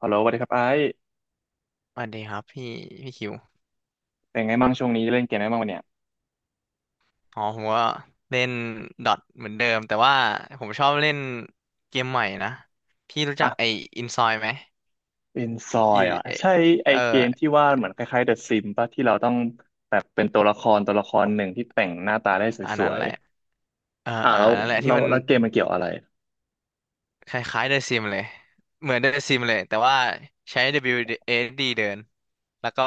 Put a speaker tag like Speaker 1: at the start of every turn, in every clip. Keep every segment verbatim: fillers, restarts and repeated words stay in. Speaker 1: ฮัลโหลสวัสดีครับไอ้
Speaker 2: สวัสดีครับพี่พี่คิว
Speaker 1: เป็นไงบ้างช่วงนี้เล่นเกมอะไรบ้างวะเนี่ย
Speaker 2: อ๋อผมก็เล่นดอทเหมือนเดิมแต่ว่าผมชอบเล่นเกมใหม่นะพี่รู้จักไอ้
Speaker 1: อ่ะ
Speaker 2: อินซอยไหม
Speaker 1: เป็นซอ
Speaker 2: อี
Speaker 1: ยอ่ะ
Speaker 2: เอ
Speaker 1: ใช่ไอ
Speaker 2: เออ
Speaker 1: เกมที่ว่าเหมือนคล้ายๆเดอะซิมป่ะที่เราต้องแบบเป็นตัวละครตัวละครหนึ่งที่แต่งหน้าตาได้
Speaker 2: อัน
Speaker 1: ส
Speaker 2: นั้
Speaker 1: ว
Speaker 2: น
Speaker 1: ย
Speaker 2: แหละเออ
Speaker 1: ๆอ่ะ
Speaker 2: เออ
Speaker 1: แล้ว
Speaker 2: อันนั้นแหละที่
Speaker 1: เรา
Speaker 2: มัน
Speaker 1: แล้วเกมมันเกี่ยวอะไร
Speaker 2: คล้ายๆเดซิมเลยเหมือนเดซิมเลยแต่ว่าใช้ ดับเบิลยู เอส ดี เบิลยูเอสดเดินแล้วก็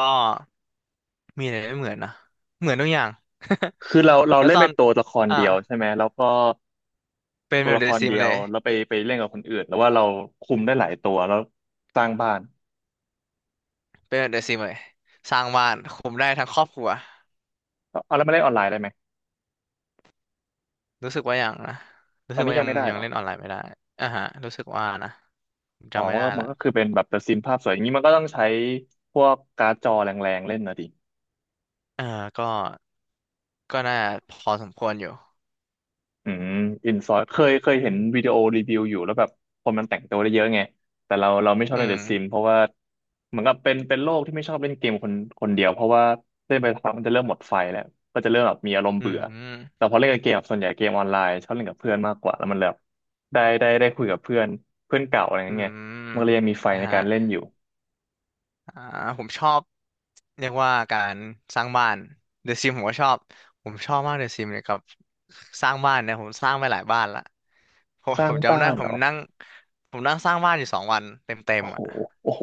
Speaker 2: มีอะไรไม่เหมือนนะเหมือนทุกอย่าง
Speaker 1: คือเรา เรา
Speaker 2: แล้ว
Speaker 1: เล่
Speaker 2: ต
Speaker 1: น
Speaker 2: อ
Speaker 1: เป็
Speaker 2: น
Speaker 1: นตัวละคร
Speaker 2: อ่า
Speaker 1: เดียวใช่ไหมแล้วก็
Speaker 2: เป็น
Speaker 1: ตั
Speaker 2: แบ
Speaker 1: ว
Speaker 2: บ
Speaker 1: ละ
Speaker 2: เด
Speaker 1: คร
Speaker 2: ซิม
Speaker 1: เดีย
Speaker 2: เล
Speaker 1: ว
Speaker 2: ย
Speaker 1: แล้วไปไปเล่นกับคนอื่นแล้วว่าเราคุมได้หลายตัวแล้วสร้างบ้าน
Speaker 2: เป็นแบบเดซิมเลยสร้างบ้านคุมได้ทั้งครอบครัว
Speaker 1: เอาแล้วมาเล่นออนไลน์ได้ไหม
Speaker 2: รู้สึกว่ายังนะรู้
Speaker 1: ตอ
Speaker 2: สึ
Speaker 1: น
Speaker 2: ก
Speaker 1: นี้
Speaker 2: ว่า
Speaker 1: ยั
Speaker 2: ยั
Speaker 1: ง
Speaker 2: ง
Speaker 1: ไม่ได้
Speaker 2: ยั
Speaker 1: เห
Speaker 2: ง
Speaker 1: รอ
Speaker 2: เล่นออนไลน์ไม่ได้อ่าฮะรู้สึกว่านะผม
Speaker 1: อ๋อ
Speaker 2: จำไม่
Speaker 1: มัน
Speaker 2: ได้
Speaker 1: ก็มันก็คื
Speaker 2: ละ
Speaker 1: อเป็นแบบเดอะซิมภาพสวยอย่างนี้มันก็ต้องใช้พวกการ์ดจอแรงๆเล่นนะดิ
Speaker 2: เออก็ก็น่าพอสมควรอยู่
Speaker 1: อืมอินซอยเคยเคยเห็นวิดีโอรีวิวอยู่แล้วแบบคนมันแต่งตัวได้เยอะไงแต่เราเราไม่ชอบ
Speaker 2: อื
Speaker 1: เล่นเด
Speaker 2: ม
Speaker 1: อะซิมเพราะว่าเหมือนกับเป็นเป็นโลกที่ไม่ชอบเล่นเกมคนคนเดียวเพราะว่าเล่นไปสักพักมันจะเริ่มหมดไฟแล้วก็จะเริ่มแบบมีอารมณ์
Speaker 2: อื
Speaker 1: เบื่อแต่
Speaker 2: ม
Speaker 1: พอเล่นกับเกมส่วนใหญ่เกมออนไลน์ชอบเล่นกับเพื่อนมากกว่าแล้วมันแบบได้ได้ได้คุยกับเพื่อนเพื่อนเก่าอะไรอ
Speaker 2: อื
Speaker 1: ย่างเงี้ย
Speaker 2: ม
Speaker 1: มันก็เลยยังมีไฟ
Speaker 2: นะ
Speaker 1: ใน
Speaker 2: ฮะ
Speaker 1: การเล่นอยู่
Speaker 2: อ่าผมชอบเรียกว่าการสร้างบ้านเดอะซิมผมก็ชอบผมชอบมากเดอะซิมเนี่ยกับสร้างบ้านเนี่ยผมสร้างไปหลายบ้านละผม
Speaker 1: สร้า
Speaker 2: ผ
Speaker 1: ง
Speaker 2: ม
Speaker 1: บ้า
Speaker 2: จำได้
Speaker 1: น
Speaker 2: ผ
Speaker 1: เหร
Speaker 2: ม
Speaker 1: อ
Speaker 2: นั่งผมนั่งสร้างบ้านอยู่สองวันเต็มเต็ม
Speaker 1: โอ้โห
Speaker 2: อ่ะ
Speaker 1: โอ้โห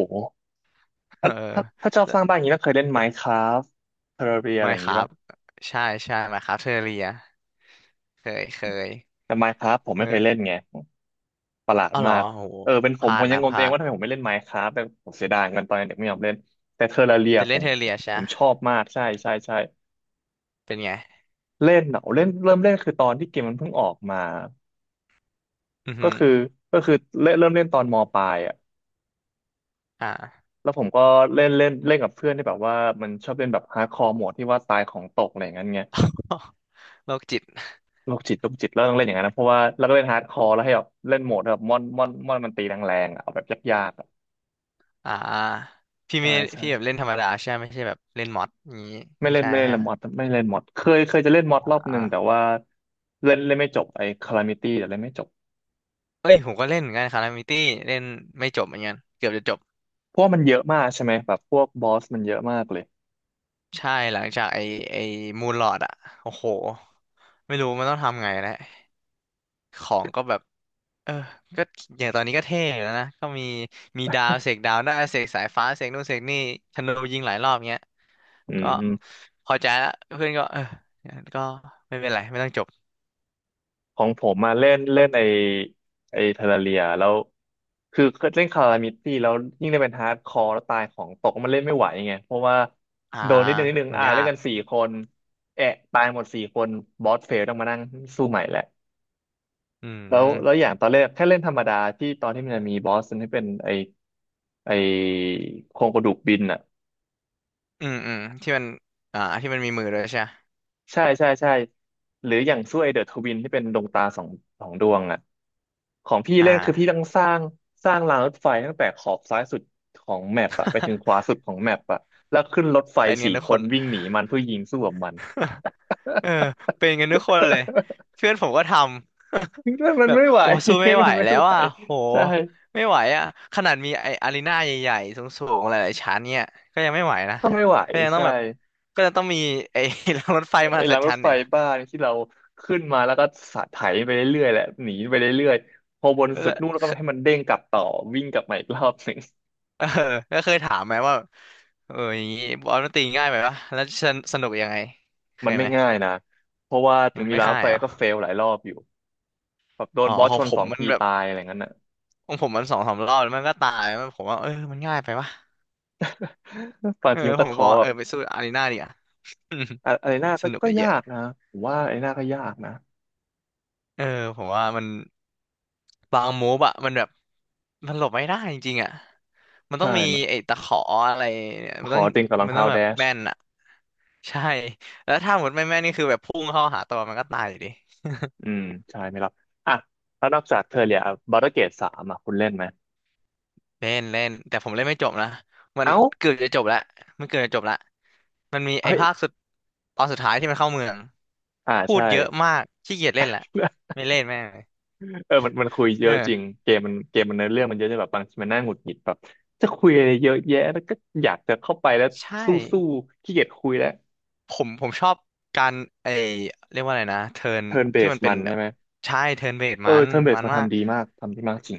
Speaker 2: เอ
Speaker 1: อ่ะถ้า
Speaker 2: อ
Speaker 1: ถ้าชอบสร้างบ้านอย่างนี้ต้องเคยเล่น Minecraft Terraria อะไร
Speaker 2: ไม่
Speaker 1: อย่าง
Speaker 2: ค
Speaker 1: งี้
Speaker 2: รับ
Speaker 1: ปะ
Speaker 2: ใช่ใช่ไหมครับเทอเรียเคยเคย
Speaker 1: แต่ Minecraft ผมไม่เคยเล่
Speaker 2: เออ
Speaker 1: นไง ประหลาด
Speaker 2: อ้าวเหร
Speaker 1: มา
Speaker 2: อ
Speaker 1: ก
Speaker 2: โห
Speaker 1: เออเป็น
Speaker 2: พ
Speaker 1: ผม
Speaker 2: ลา
Speaker 1: ผ
Speaker 2: ด
Speaker 1: มยัง
Speaker 2: นะ
Speaker 1: ง
Speaker 2: พ
Speaker 1: งตัว
Speaker 2: ลา
Speaker 1: เอง
Speaker 2: ด
Speaker 1: ว่าทำไมผมไม่เล่น Minecraft แต่ผมเสียดายกันตอนเด็กไม่ยอมเล่นแต่เทอร์เรีย
Speaker 2: แต่
Speaker 1: ผ
Speaker 2: เล่น
Speaker 1: ม
Speaker 2: เทเรียใช่
Speaker 1: ผมชอบมากใช่ใช่ใช่
Speaker 2: เป็นไง
Speaker 1: เล่นเหรอเล่นเริ่มเล่นคือตอนที่เกมมันเพิ่งออกมา
Speaker 2: อือ
Speaker 1: ก็
Speaker 2: หือ
Speaker 1: คือก็คือเล่นเริ่มเล่นตอนมปลายอ่ะ
Speaker 2: อ่า
Speaker 1: แล้วผมก็เล่นเล่นเล่นกับเพื่อนที่แบบว่ามันชอบเล่นแบบฮาร์ดคอร์โหมดที่ว่าตายของตกอะไรอย่างเงี้ย
Speaker 2: โรคจิต
Speaker 1: โรคจิตโรคจิตแล้วต้องเล่นอย่างนั้นนะเพราะว่าแล้วก็เล่นฮาร์ดคอร์แล้วให้แบบเล่นโหมดแบบมอนมอนมอนมันตีแรงๆอะเอาแบบยากๆอะ
Speaker 2: อ่าพี่
Speaker 1: ใช่
Speaker 2: ไม่
Speaker 1: ใช่
Speaker 2: พี่แบบเล่นธรรมดาใช่ไหมไม่ใช่แบบเล่นมอดอย่างนี้
Speaker 1: ไม่
Speaker 2: ไม่
Speaker 1: เล่น
Speaker 2: ใช่
Speaker 1: ไม่เล่น
Speaker 2: ฮะ
Speaker 1: ละมอดไม่เล่นมอดเคยเคยจะเล่นมอด
Speaker 2: อ
Speaker 1: รอบห
Speaker 2: ่า
Speaker 1: นึ่งแต่ว่าเล่นเล่นไม่จบไอ้คาลามิตี้แต่เล่นไม่จบ
Speaker 2: เอ้ยผมก็เล่นเหมือนกันคารามิตี้เล่นไม่จบเหมือนกันเกือบจะจบ
Speaker 1: เพราะว่ามันเยอะมากใช่ไหมแบบพวกบอสมันเยอะมากเลย
Speaker 2: ใช่ หลังจากไอไอมูนลอดอะโอ้โห ไม่รู้มันต้องทำไงแล้วของก็แบบ เออก็อย่างตอนนี้ก็เท่อยู่แล้วนะก็มีมีดาวเสกดาวได้เสกสายฟ้าเสกนู่นเสกนี่ธนูยิงหลายรอบเงี้ย
Speaker 1: อืม
Speaker 2: ก็
Speaker 1: อืม
Speaker 2: พอใจละเพื่อนก็เออก็ไม่เป็นไรไม่ต้องจบ
Speaker 1: ของผมมาเล่นเล่นไอ้ไอ้เทอร์เรียแล้วคือเล่นคาลามิตี้แล้วยิ่งได้เป็นฮาร์ดคอร์แล้วตายของตกมันเล่นไม่ไหวไงเพราะว่า
Speaker 2: อ่า
Speaker 1: โดนนิดนึงนิดนึง
Speaker 2: มัน
Speaker 1: อ่า
Speaker 2: ยา
Speaker 1: เล่น
Speaker 2: ก
Speaker 1: กันสี่คนแอะตายหมดสี่คนบอสเฟลต้องมานั่งสู้ใหม่แหละ
Speaker 2: อื
Speaker 1: แล้วแล้วอ
Speaker 2: ม
Speaker 1: ย่างตอนแรกแค่เล่นธรรมดาที่ตอนที่มันจะมีบอสที่เป็นไอ้ ไอโครงกระดูกบินอ่ะ
Speaker 2: อืม อืมที่มันอ่าที่มันมีมือด้วยใช่ไหม
Speaker 1: ใช่ใช่ใช่หรืออย่างสู่วยเดอะทวินที่เป็นดวงตาสองสองดวงอ่ะของพี่
Speaker 2: อ
Speaker 1: เล่นคือพี่
Speaker 2: ่า
Speaker 1: ต้องสร้างสร้างรางรถไฟตั้งแต่ขอบซ้ายสุดของแมปอะไปถึงขวาสุดของแมปอะแล้วขึ้นรถไฟ
Speaker 2: เป็นกั
Speaker 1: สี่
Speaker 2: นทุก
Speaker 1: ค
Speaker 2: ค
Speaker 1: น
Speaker 2: น
Speaker 1: วิ่งหนีมันเพื่อยิงสู้กับมัน
Speaker 2: เออเป็นกันทุกคนเลยเพื่อนผมก็ทำ
Speaker 1: มั น
Speaker 2: แบบ
Speaker 1: ไม่ไหว
Speaker 2: โอ้สู้ ไม่ไห
Speaker 1: มั
Speaker 2: ว
Speaker 1: นไม่
Speaker 2: แล้ว
Speaker 1: ไหว
Speaker 2: อ่ะโห
Speaker 1: ใช่
Speaker 2: ไม่ไหวอ่ะขนาดมีไออารีนาใหญ่ๆสูงๆหลายๆชั้นเนี่ยก็ยังไม่ไหวนะ
Speaker 1: ก็ไม่ไหว
Speaker 2: ก็ยังต้อง
Speaker 1: ใช่
Speaker 2: แบบก็จะต้องมีไอ้ รางรถไฟม
Speaker 1: ไอ้
Speaker 2: หัศ
Speaker 1: ราง
Speaker 2: จ
Speaker 1: ร
Speaker 2: ร
Speaker 1: ถ
Speaker 2: รย์
Speaker 1: ไฟ
Speaker 2: เนี่ย
Speaker 1: บ้านที่เราขึ้นมาแล้วก็สะไถไปเรื่อยๆแหละหนีไปเรื่อยๆพอบนสุ
Speaker 2: ก็
Speaker 1: ดนู่นแล้วก็ให้มันเด้งกลับต่อวิ่งกลับมาอีกรอบหนึ่ง
Speaker 2: เออก็เคยถามไหมว่าเอออย่างงี้บอลมันตีง่ายไหมวะแล้วสนสนุกยังไงเค
Speaker 1: มัน
Speaker 2: ย
Speaker 1: ไม่
Speaker 2: ไหม
Speaker 1: ง่ายนะเพราะว่าถึ
Speaker 2: มั
Speaker 1: ง
Speaker 2: น
Speaker 1: มี
Speaker 2: ไม่
Speaker 1: รางร
Speaker 2: ค่า
Speaker 1: ถ
Speaker 2: ย
Speaker 1: ไฟ
Speaker 2: เหรอ
Speaker 1: ก็เฟลหลายรอบอยู่แบบโดน
Speaker 2: อ๋อ
Speaker 1: บอส
Speaker 2: ขอ
Speaker 1: ช
Speaker 2: ง
Speaker 1: น
Speaker 2: ผ
Speaker 1: ส
Speaker 2: ม
Speaker 1: อง
Speaker 2: มัน
Speaker 1: ที
Speaker 2: แบบ
Speaker 1: ตายอะไรงั้นน่ะ
Speaker 2: ของผมมันสองสามรอบแล้วมันก็ตายมันผมว่าเออมันง่ายไปวะ
Speaker 1: บาง
Speaker 2: เออ
Speaker 1: ทีมัน
Speaker 2: ผ
Speaker 1: ก็
Speaker 2: มบ
Speaker 1: ท้
Speaker 2: อ
Speaker 1: อ
Speaker 2: กว่า
Speaker 1: แบ
Speaker 2: เออ
Speaker 1: บ
Speaker 2: ไปสู้อารีนาดีกว่า
Speaker 1: อะอะไรหน้า
Speaker 2: ส
Speaker 1: ก็
Speaker 2: นุก
Speaker 1: ก็
Speaker 2: อะเย
Speaker 1: ยา
Speaker 2: อะ
Speaker 1: กนะผมว่าอะไรหน้าก็ยากนะ
Speaker 2: เออ ผมว่ามันบางมูฟอะมันแบบมันหลบไม่ได้จริงๆอะมันต้
Speaker 1: ใช่
Speaker 2: องมี
Speaker 1: มัน
Speaker 2: ไอ้ตะขออะไรเนี่ยมั
Speaker 1: ข
Speaker 2: นต้
Speaker 1: อ
Speaker 2: อง
Speaker 1: ติงกับรอง
Speaker 2: มัน
Speaker 1: เท้า
Speaker 2: ต้องแบ
Speaker 1: แด
Speaker 2: บ
Speaker 1: ช
Speaker 2: แม่นอะใช่ แล้วถ้าหมดไม่แม่นนี่คือแบบพุ่งเข้าหาตัวมันก็ตายอยู่ดี
Speaker 1: อืมใช่ไม่รับอ่ะแล้วนอกจากเทอร์เรียบารเกตสามอ่ะคุณเล่นไหม
Speaker 2: เล่นเล่นแต่ผมเล่นไม่จบนะมัน
Speaker 1: เอ้า
Speaker 2: เกือบจะจบแล้วมันเกือบจะจบแล้วมันมีไอ้
Speaker 1: เฮ้ย
Speaker 2: ภาคสุดตอนสุดท้ายที่มันเข้าเมือง
Speaker 1: อ่า
Speaker 2: พู
Speaker 1: ใช่
Speaker 2: ดเยอะมากขี้เกียจเล่นแหละ ไม่เล่นแม่งเลย
Speaker 1: เออมันมันคุยเย
Speaker 2: เอ
Speaker 1: อะจริง
Speaker 2: อ
Speaker 1: เกมมันเกมมันเนื้อเรื่องมันเยอะจนแบบบางทีมันน่าหงุดหงิดแบบจะคุยอะไรเยอะแยะแล้วก็อยากจะเข้าไปแล้ว
Speaker 2: ใช่
Speaker 1: สู้สู้ขี้เกียจคุยแล้ว
Speaker 2: ผมผมชอบการไอเรียกว่าอะไรนะเทิร์น
Speaker 1: เทิร์นเบ
Speaker 2: ที่
Speaker 1: ส
Speaker 2: มันเป็
Speaker 1: มั
Speaker 2: น
Speaker 1: น
Speaker 2: แบ
Speaker 1: ใช่
Speaker 2: บ
Speaker 1: ไหม
Speaker 2: ใช่เทิร์นเวท
Speaker 1: เออ
Speaker 2: มัน
Speaker 1: เทิร์นเบส
Speaker 2: มัน
Speaker 1: มัน
Speaker 2: มาก
Speaker 1: ทำดีมากทำดีมากจริง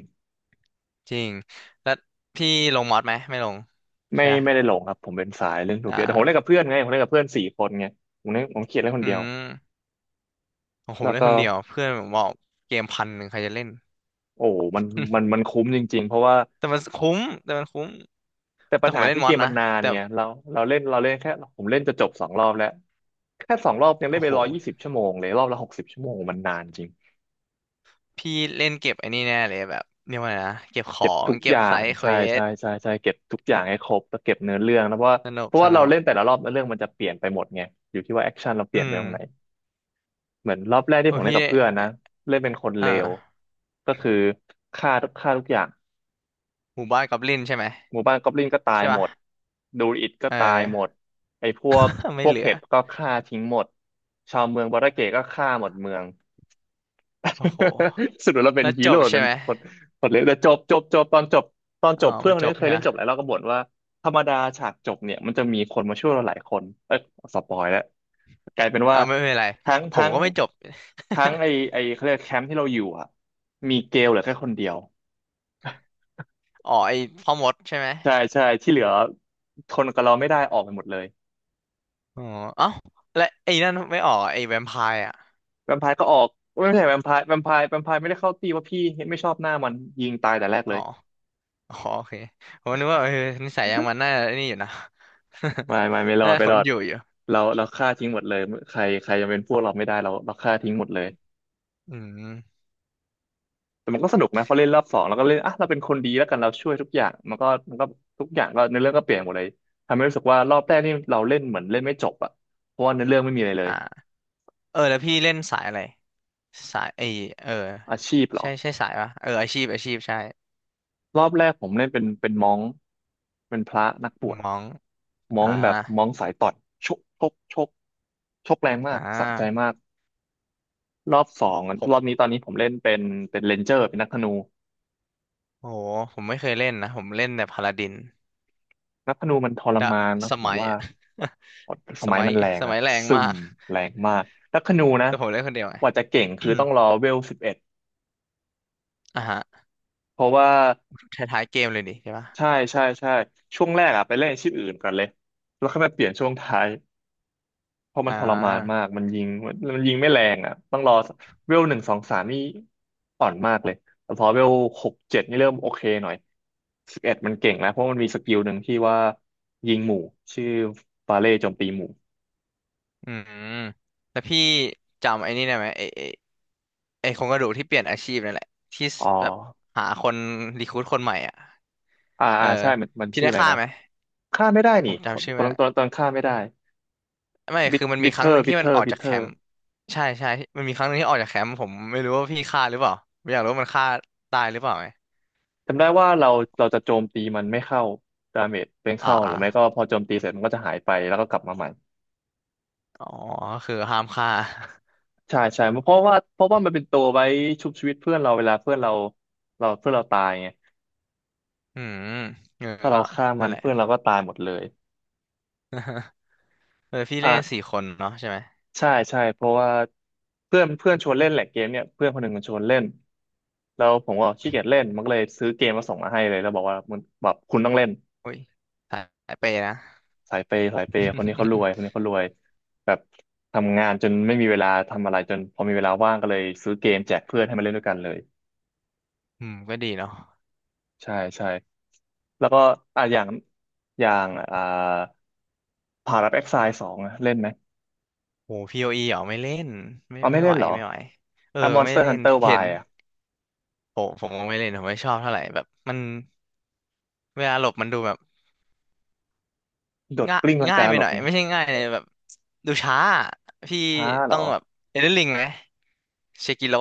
Speaker 2: จริงแล้วพี่ลงมอดไหมไม่ลง
Speaker 1: ไม่
Speaker 2: ใช่ไหม
Speaker 1: ไม่ได้หลงครับผมเป็นสายเล่นโซ
Speaker 2: อ่
Speaker 1: เฟียแต่ผมเล่นกับ
Speaker 2: า
Speaker 1: เพื่อนไงผมเล่นกับเพื่อนสี่คนไงผมเล่นผมเขียนเล่นคน
Speaker 2: อื
Speaker 1: เดียว
Speaker 2: มของผ
Speaker 1: แล้
Speaker 2: ม
Speaker 1: ว
Speaker 2: เล่น
Speaker 1: ก็
Speaker 2: คนเดียวเพื่อนผมบอกเกมพันหนึ่งใครจะเล่น
Speaker 1: โอ้มันมันมันคุ้มจริงๆเพราะว่า
Speaker 2: แต่มันคุ้มแต่มันคุ้ม
Speaker 1: แต่
Speaker 2: แต่
Speaker 1: ปัญ
Speaker 2: ผม
Speaker 1: หา
Speaker 2: ไม่เล่
Speaker 1: คื
Speaker 2: น
Speaker 1: อ
Speaker 2: ม
Speaker 1: เก
Speaker 2: อด
Speaker 1: มมั
Speaker 2: นะ
Speaker 1: นนาน
Speaker 2: แต่
Speaker 1: ไงเราเราเล่นเราเล่นแค่ผมเล่นจะจบสองรอบแล้วแค่สองรอบยังเล่
Speaker 2: โอ้
Speaker 1: นไป
Speaker 2: โห
Speaker 1: ร้อยยี่สิบชั่วโมงเลยรอบละหกสิบชั่วโมงมันนานจริง
Speaker 2: พี่เล่นเก็บไอ้นี่แน่เลยแบบเรียกว่าอไงนะเก็บขอ
Speaker 1: เก็บ
Speaker 2: ง
Speaker 1: ทุก
Speaker 2: เก็
Speaker 1: อ
Speaker 2: บ
Speaker 1: ย่า
Speaker 2: ไซ
Speaker 1: ง
Speaker 2: ด์เคว
Speaker 1: ใช่ใช่
Speaker 2: ส
Speaker 1: ใช่ใช่เก็บทุกอย่างให้ครบแล้วเก็บเนื้อเรื่องนะเพราะว่า
Speaker 2: สนุก
Speaker 1: เพราะ
Speaker 2: ส
Speaker 1: ว่าเรา
Speaker 2: นุก
Speaker 1: เล่นแต่ละรอบเนื้อเรื่องมันจะเปลี่ยนไปหมดไงอยู่ที่ว่าแอคชั่นเราเป
Speaker 2: อื
Speaker 1: ลี่ยนไป
Speaker 2: ม
Speaker 1: ตรงไหนเหมือนรอบแรกที่
Speaker 2: โอ้
Speaker 1: ผ
Speaker 2: ย
Speaker 1: มเล่
Speaker 2: พี่
Speaker 1: นกับ
Speaker 2: ได้
Speaker 1: เพื่อนนะเล่นเป็นคน
Speaker 2: อ
Speaker 1: เลว
Speaker 2: ่า
Speaker 1: ก็คือฆ่าทุกฆ่าทุกอย่าง
Speaker 2: หมู่บ้านกอบลินใช่ไหม
Speaker 1: หมู่บ้านกอบลินก็ตาย
Speaker 2: ใช่
Speaker 1: หม
Speaker 2: ปะ
Speaker 1: ดดูอิดก็
Speaker 2: เอ
Speaker 1: ตายหมด
Speaker 2: อ
Speaker 1: ไอ้พวก พ
Speaker 2: ไม่
Speaker 1: ว
Speaker 2: เห
Speaker 1: ก
Speaker 2: ลือ
Speaker 1: เห็ดก็ฆ่าทิ้งหมดชาวเมืองบาราเกะก็ฆ่าหมดเมือง
Speaker 2: โอ้โห
Speaker 1: สุดท้ายเราเป็น
Speaker 2: แล้ว
Speaker 1: ฮี
Speaker 2: จ
Speaker 1: โร่
Speaker 2: บใช่
Speaker 1: เป็น
Speaker 2: ไหม
Speaker 1: คนคนเล็กแต่จบจบจบตอนจบตอน
Speaker 2: อ๋
Speaker 1: จ
Speaker 2: อ
Speaker 1: บเพื่อน
Speaker 2: มัน
Speaker 1: คน
Speaker 2: จ
Speaker 1: นี้
Speaker 2: บ
Speaker 1: เค
Speaker 2: ใช่
Speaker 1: ย
Speaker 2: ไห
Speaker 1: เล่
Speaker 2: ม
Speaker 1: นจบหลายรอบก็บ่นว่าธรรมดาฉากจบเนี่ยมันจะมีคนมาช่วยเราหลายคนเอ้ยสปอยแล้วกลายเป็น
Speaker 2: อ่า
Speaker 1: ว่า
Speaker 2: ไม่เป็นไร
Speaker 1: ทั้ง
Speaker 2: ผม
Speaker 1: ทั้ง
Speaker 2: ก็ไม่จบ
Speaker 1: ทั้งไอ ไอเขาเรียกแคมป์ที่เราอยู่อะมีเกลเหลือแค่คนเดียว
Speaker 2: อ๋อไอ้พ่อมดใช่ไหม
Speaker 1: ใช่ใช่ที่เหลือทนกับเราไม่ได้ออกไปหมดเลย
Speaker 2: อ๋อเอ้าและไอ้นั่นไม่ออกไอ้แวมไพร์อ่ะ
Speaker 1: แวมไพร์ก็ออกไม่ใช่แวมไพร์แวมไพร์แวมไพร์ไม่ได้เข้าตีว่าพี่ไม่ชอบหน้ามันยิงตายแต่แรกเล
Speaker 2: อ๋อ
Speaker 1: ย
Speaker 2: อ๋อโอเคผมนึกว่าเออนิสัยอย่างมันน่าไอ้นี่อยู่นะ
Speaker 1: ไม่ไม่ไม่ร อ
Speaker 2: น่า
Speaker 1: ดไม่
Speaker 2: ท
Speaker 1: ร
Speaker 2: น
Speaker 1: อด
Speaker 2: อยู่อยู่
Speaker 1: เราเราฆ่าทิ้งหมดเลยใครใครยังเป็นพวกเราไม่ได้เราเราฆ่าทิ้งหมดเลย
Speaker 2: อืม
Speaker 1: แต่มันก็สนุกนะพอเล่นรอบสองเราก็เล่นอ่ะเราเป็นคนดีแล้วกันเราช่วยทุกอย่างมันก็มันก็ทุกอย่างก็เนื้อเรื่องก็เปลี่ยนหมดเลยทำให้รู้สึกว่ารอบแรกนี่เราเล่นเหมือนเล่นไม่จบอ่ะเพราะว่าเนื้อเรื่องไม่มีอะไรเลย
Speaker 2: อ่าเออแล้วพี่เล่นสายอะไรสายไอเออ
Speaker 1: อาชีพเหรอ
Speaker 2: ใช่ใช่สายปะเอออาชีพอาชีพใช่
Speaker 1: รอบแรกผมเล่นเป็นเป็นม้องเป็นพระนักบวช
Speaker 2: มอง
Speaker 1: ม้อ
Speaker 2: อ่า
Speaker 1: งแบบม้องสายต่อนชกชกชกชกแรงมา
Speaker 2: อ่
Speaker 1: กสะใจ
Speaker 2: า
Speaker 1: มากรอบสอง
Speaker 2: ผ
Speaker 1: รอบ
Speaker 2: ม
Speaker 1: นี้ตอนนี้ผมเล่นเป็นเป็นเรนเจอร์เป็นนักธนู
Speaker 2: โอ้โหผมไม่เคยเล่นนะผมเล่นแต่พาลาดิน
Speaker 1: นับธนูมันทร
Speaker 2: ดะ
Speaker 1: มานนะ
Speaker 2: ส
Speaker 1: ผม
Speaker 2: มัย
Speaker 1: ว่า
Speaker 2: อะ
Speaker 1: ส
Speaker 2: ส
Speaker 1: มัย
Speaker 2: มัย
Speaker 1: มันแรง
Speaker 2: ส
Speaker 1: อะ
Speaker 2: มัยแรง
Speaker 1: ซึ
Speaker 2: มา
Speaker 1: ม
Speaker 2: ก
Speaker 1: แรงมากนักธนูนะ
Speaker 2: แต่ผมเล่นคนเดียวไง
Speaker 1: กว่าจะเก่งคือต้องรอ เวลสิบเอ็ด
Speaker 2: อ่ะฮะ
Speaker 1: เพราะว่า
Speaker 2: ท้ายๆเกมเลยดิใช่ปะ
Speaker 1: ใช่ใช่ใช่ช่วงแรกอะไปเล่นอาชีพอื่นก่อนเลยแล้วค่อยมาเปลี่ยนช่วงท้ายเพราะมั
Speaker 2: อ่
Speaker 1: นทรมาน
Speaker 2: า
Speaker 1: มากมันยิงมันมันยิงไม่แรงอะต้องรอเวลหนึ่งสองสามนี่อ่อนมากเลยแต่พอเวลหกเจ็ดนี่เริ่มโอเคหน่อยสิบเอ็ดมันเก่งแล้วเพราะมันมีสกิลหนึ่งที่ว่ายิงหมู่ชื่อบาเล่โจมตีหมู่
Speaker 2: อืมแต่พี่จำไอ้นี่ได้ไหมไอ้ไอ้ไอ้โครงกระดูกที่เปลี่ยนอาชีพนั่นแหละที่ส
Speaker 1: อ๋อ
Speaker 2: แบบหาคนรีครูทคนใหม่อ่ะ
Speaker 1: อ่า
Speaker 2: เออ
Speaker 1: อ่าใช่มันมัน
Speaker 2: พี่
Speaker 1: ชื่อ
Speaker 2: ได้
Speaker 1: อะไร
Speaker 2: ฆ่า
Speaker 1: นะ
Speaker 2: ไหม
Speaker 1: ฆ่าไม่ได้
Speaker 2: ผ
Speaker 1: นี่
Speaker 2: มจำชื่อ
Speaker 1: ตอ
Speaker 2: ไม่
Speaker 1: น
Speaker 2: ได้
Speaker 1: ตอนตอนฆ่าไม่ได้
Speaker 2: ไม่
Speaker 1: บิท
Speaker 2: คือมันมี
Speaker 1: บิท
Speaker 2: ค
Speaker 1: เท
Speaker 2: รั้ง
Speaker 1: อ
Speaker 2: หนึ่
Speaker 1: ร์
Speaker 2: ง
Speaker 1: บิ
Speaker 2: ที่
Speaker 1: ทเท
Speaker 2: มัน
Speaker 1: อ
Speaker 2: อ
Speaker 1: ร์
Speaker 2: อก
Speaker 1: บิท
Speaker 2: จาก
Speaker 1: เท
Speaker 2: แค
Speaker 1: อร์
Speaker 2: มป์ใช่ใช่มันมีครั้งหนึ่งที่ออกจากแคมป์ผมไม่รู้ว่าพี่ฆ่าหรือเปล่าไม่อยากรู้ว่ามันฆ่าตายหรือเปล่าไหม
Speaker 1: จำได้ว่าเราเราจะโจมตีมันไม่เข้าดาเมจเป็น
Speaker 2: อ่
Speaker 1: เข้าหรือไม่ก็
Speaker 2: า
Speaker 1: พอโจมตีเสร็จมันก็จะหายไปแล้วก็กลับมาใหม่
Speaker 2: อ๋อคือห้ามฆ่า
Speaker 1: ใช่ใช่เพราะว่าเพราะว่ามันเป็นตัวไว้ชุบชีวิตเพื่อนเราเวลาเพื่อนเราเราเพื่อนเราตายไง
Speaker 2: อืมเออ
Speaker 1: ถ้า
Speaker 2: ก็
Speaker 1: เราฆ่ามั
Speaker 2: นั่น
Speaker 1: น
Speaker 2: แหละ
Speaker 1: เพื่อนเราก็ตายหมดเลย
Speaker 2: เออพี่เล่นสี่
Speaker 1: อ่า
Speaker 2: คนเนาะใช่ไหม
Speaker 1: ใช่ใช่เพราะว่าเพื่อนเพื่อนชวนเล่นแหละเกมเนี่ยเพื่อนคนหนึ่งมันชวนเล่นแล้วผมก็ขี้เกียจเล่นมันก็เลยซื้อเกมมาส่งมาให้เลยแล้วบอกว่ามึงแบบคุณต้องเล่น
Speaker 2: โอุ้ยสายเปย์นะ
Speaker 1: สายเปย์สายเปย์คนนี้เขารวยคนนี้ เขารวยแบบทำงานจนไม่มีเวลาทำอะไรจนพอมีเวลาว่างก็เลยซื้อเกมแจกเพื่อนให้มาเล่นด้วยกันเลย
Speaker 2: อืมก็ดีเนาะ
Speaker 1: ใช่ใช่แล้วก็อ่ะอย่างอย่างอ่าพาราแอ็กไซสองเล่นไหม
Speaker 2: โหพีโออีเหรอไม่เล่นไม่
Speaker 1: เอาไม่
Speaker 2: ไม่
Speaker 1: เล่
Speaker 2: ไหว
Speaker 1: นเหรอ
Speaker 2: ไม่ไหวเออ
Speaker 1: อ่ะมอนส
Speaker 2: ไม่
Speaker 1: เตอร์
Speaker 2: เล่
Speaker 1: ฮัน
Speaker 2: น
Speaker 1: เตอร์
Speaker 2: เห็
Speaker 1: วา
Speaker 2: น
Speaker 1: ยอ่ะ
Speaker 2: โหผมก็ไม่เล่นผมไม่ชอบเท่าไหร่แบบมันเวลาหลบมันดูแบบ
Speaker 1: โดด
Speaker 2: ง่าย
Speaker 1: กลิ้งลัง
Speaker 2: ง่าย
Speaker 1: กา
Speaker 2: ไป
Speaker 1: หล
Speaker 2: ห
Speaker 1: บ
Speaker 2: น่อย
Speaker 1: ไง
Speaker 2: ไม่ใช่ง่ายเลยแบบดูช้าอะพี่
Speaker 1: ช้าเหร
Speaker 2: ต้อ
Speaker 1: อ
Speaker 2: งแบบเอเดนลิงไหมเชกิโล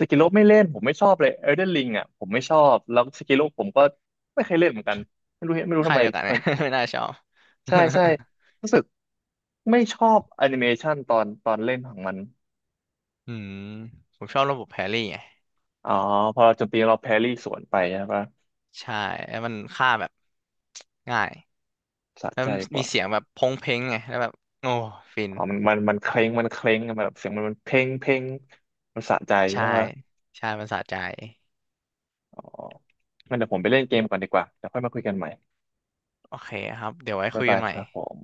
Speaker 1: สกิโลไม่เล่นผมไม่ชอบเลยเอลเดนริงอ่ะผมไม่ชอบแล้วสกิโลผมก็ไม่เคยเล่นเหมือนกันไม่รู้ไม่รู้ทำ
Speaker 2: ค่าย
Speaker 1: ไม
Speaker 2: เดียวกัน
Speaker 1: ทำ
Speaker 2: ไหม
Speaker 1: ไม
Speaker 2: ไม่น่าชอบ
Speaker 1: ใช่ใช่รู้สึกไม่ชอบแอนิเมชันตอนตอนเล่นของมัน
Speaker 2: อืมผมชอบระบบแพรี่ไง
Speaker 1: อ๋อพอเราโจมตีเราแพรี่สวนไปใช่ปะ
Speaker 2: ใช่แล้วมันฆ่าแบบง่าย
Speaker 1: สะ
Speaker 2: แล้ว
Speaker 1: ใจ
Speaker 2: มัน
Speaker 1: ก
Speaker 2: มี
Speaker 1: ว่า
Speaker 2: เสียงแบบพงเพงไงแล้วแบบโอ้ฟิน
Speaker 1: อ๋อมันมันมันเคร้งมันเคร้งมันแบบเสียงมันมันเพ่งเพ่งมันสะใจ
Speaker 2: ใช่
Speaker 1: ใช่ปะ
Speaker 2: ใช่มันสะใจ
Speaker 1: อ๋องั้นเดี๋ยวผมไปเล่นเกมก่อนดีกว่าเดี๋ยวค่อยมาคุยกันใหม่
Speaker 2: โอเคครับเดี๋ยวไว้
Speaker 1: บ๊า
Speaker 2: คุ
Speaker 1: ย
Speaker 2: ย
Speaker 1: บา
Speaker 2: กัน
Speaker 1: ย
Speaker 2: ให
Speaker 1: ค
Speaker 2: ม่
Speaker 1: รับผม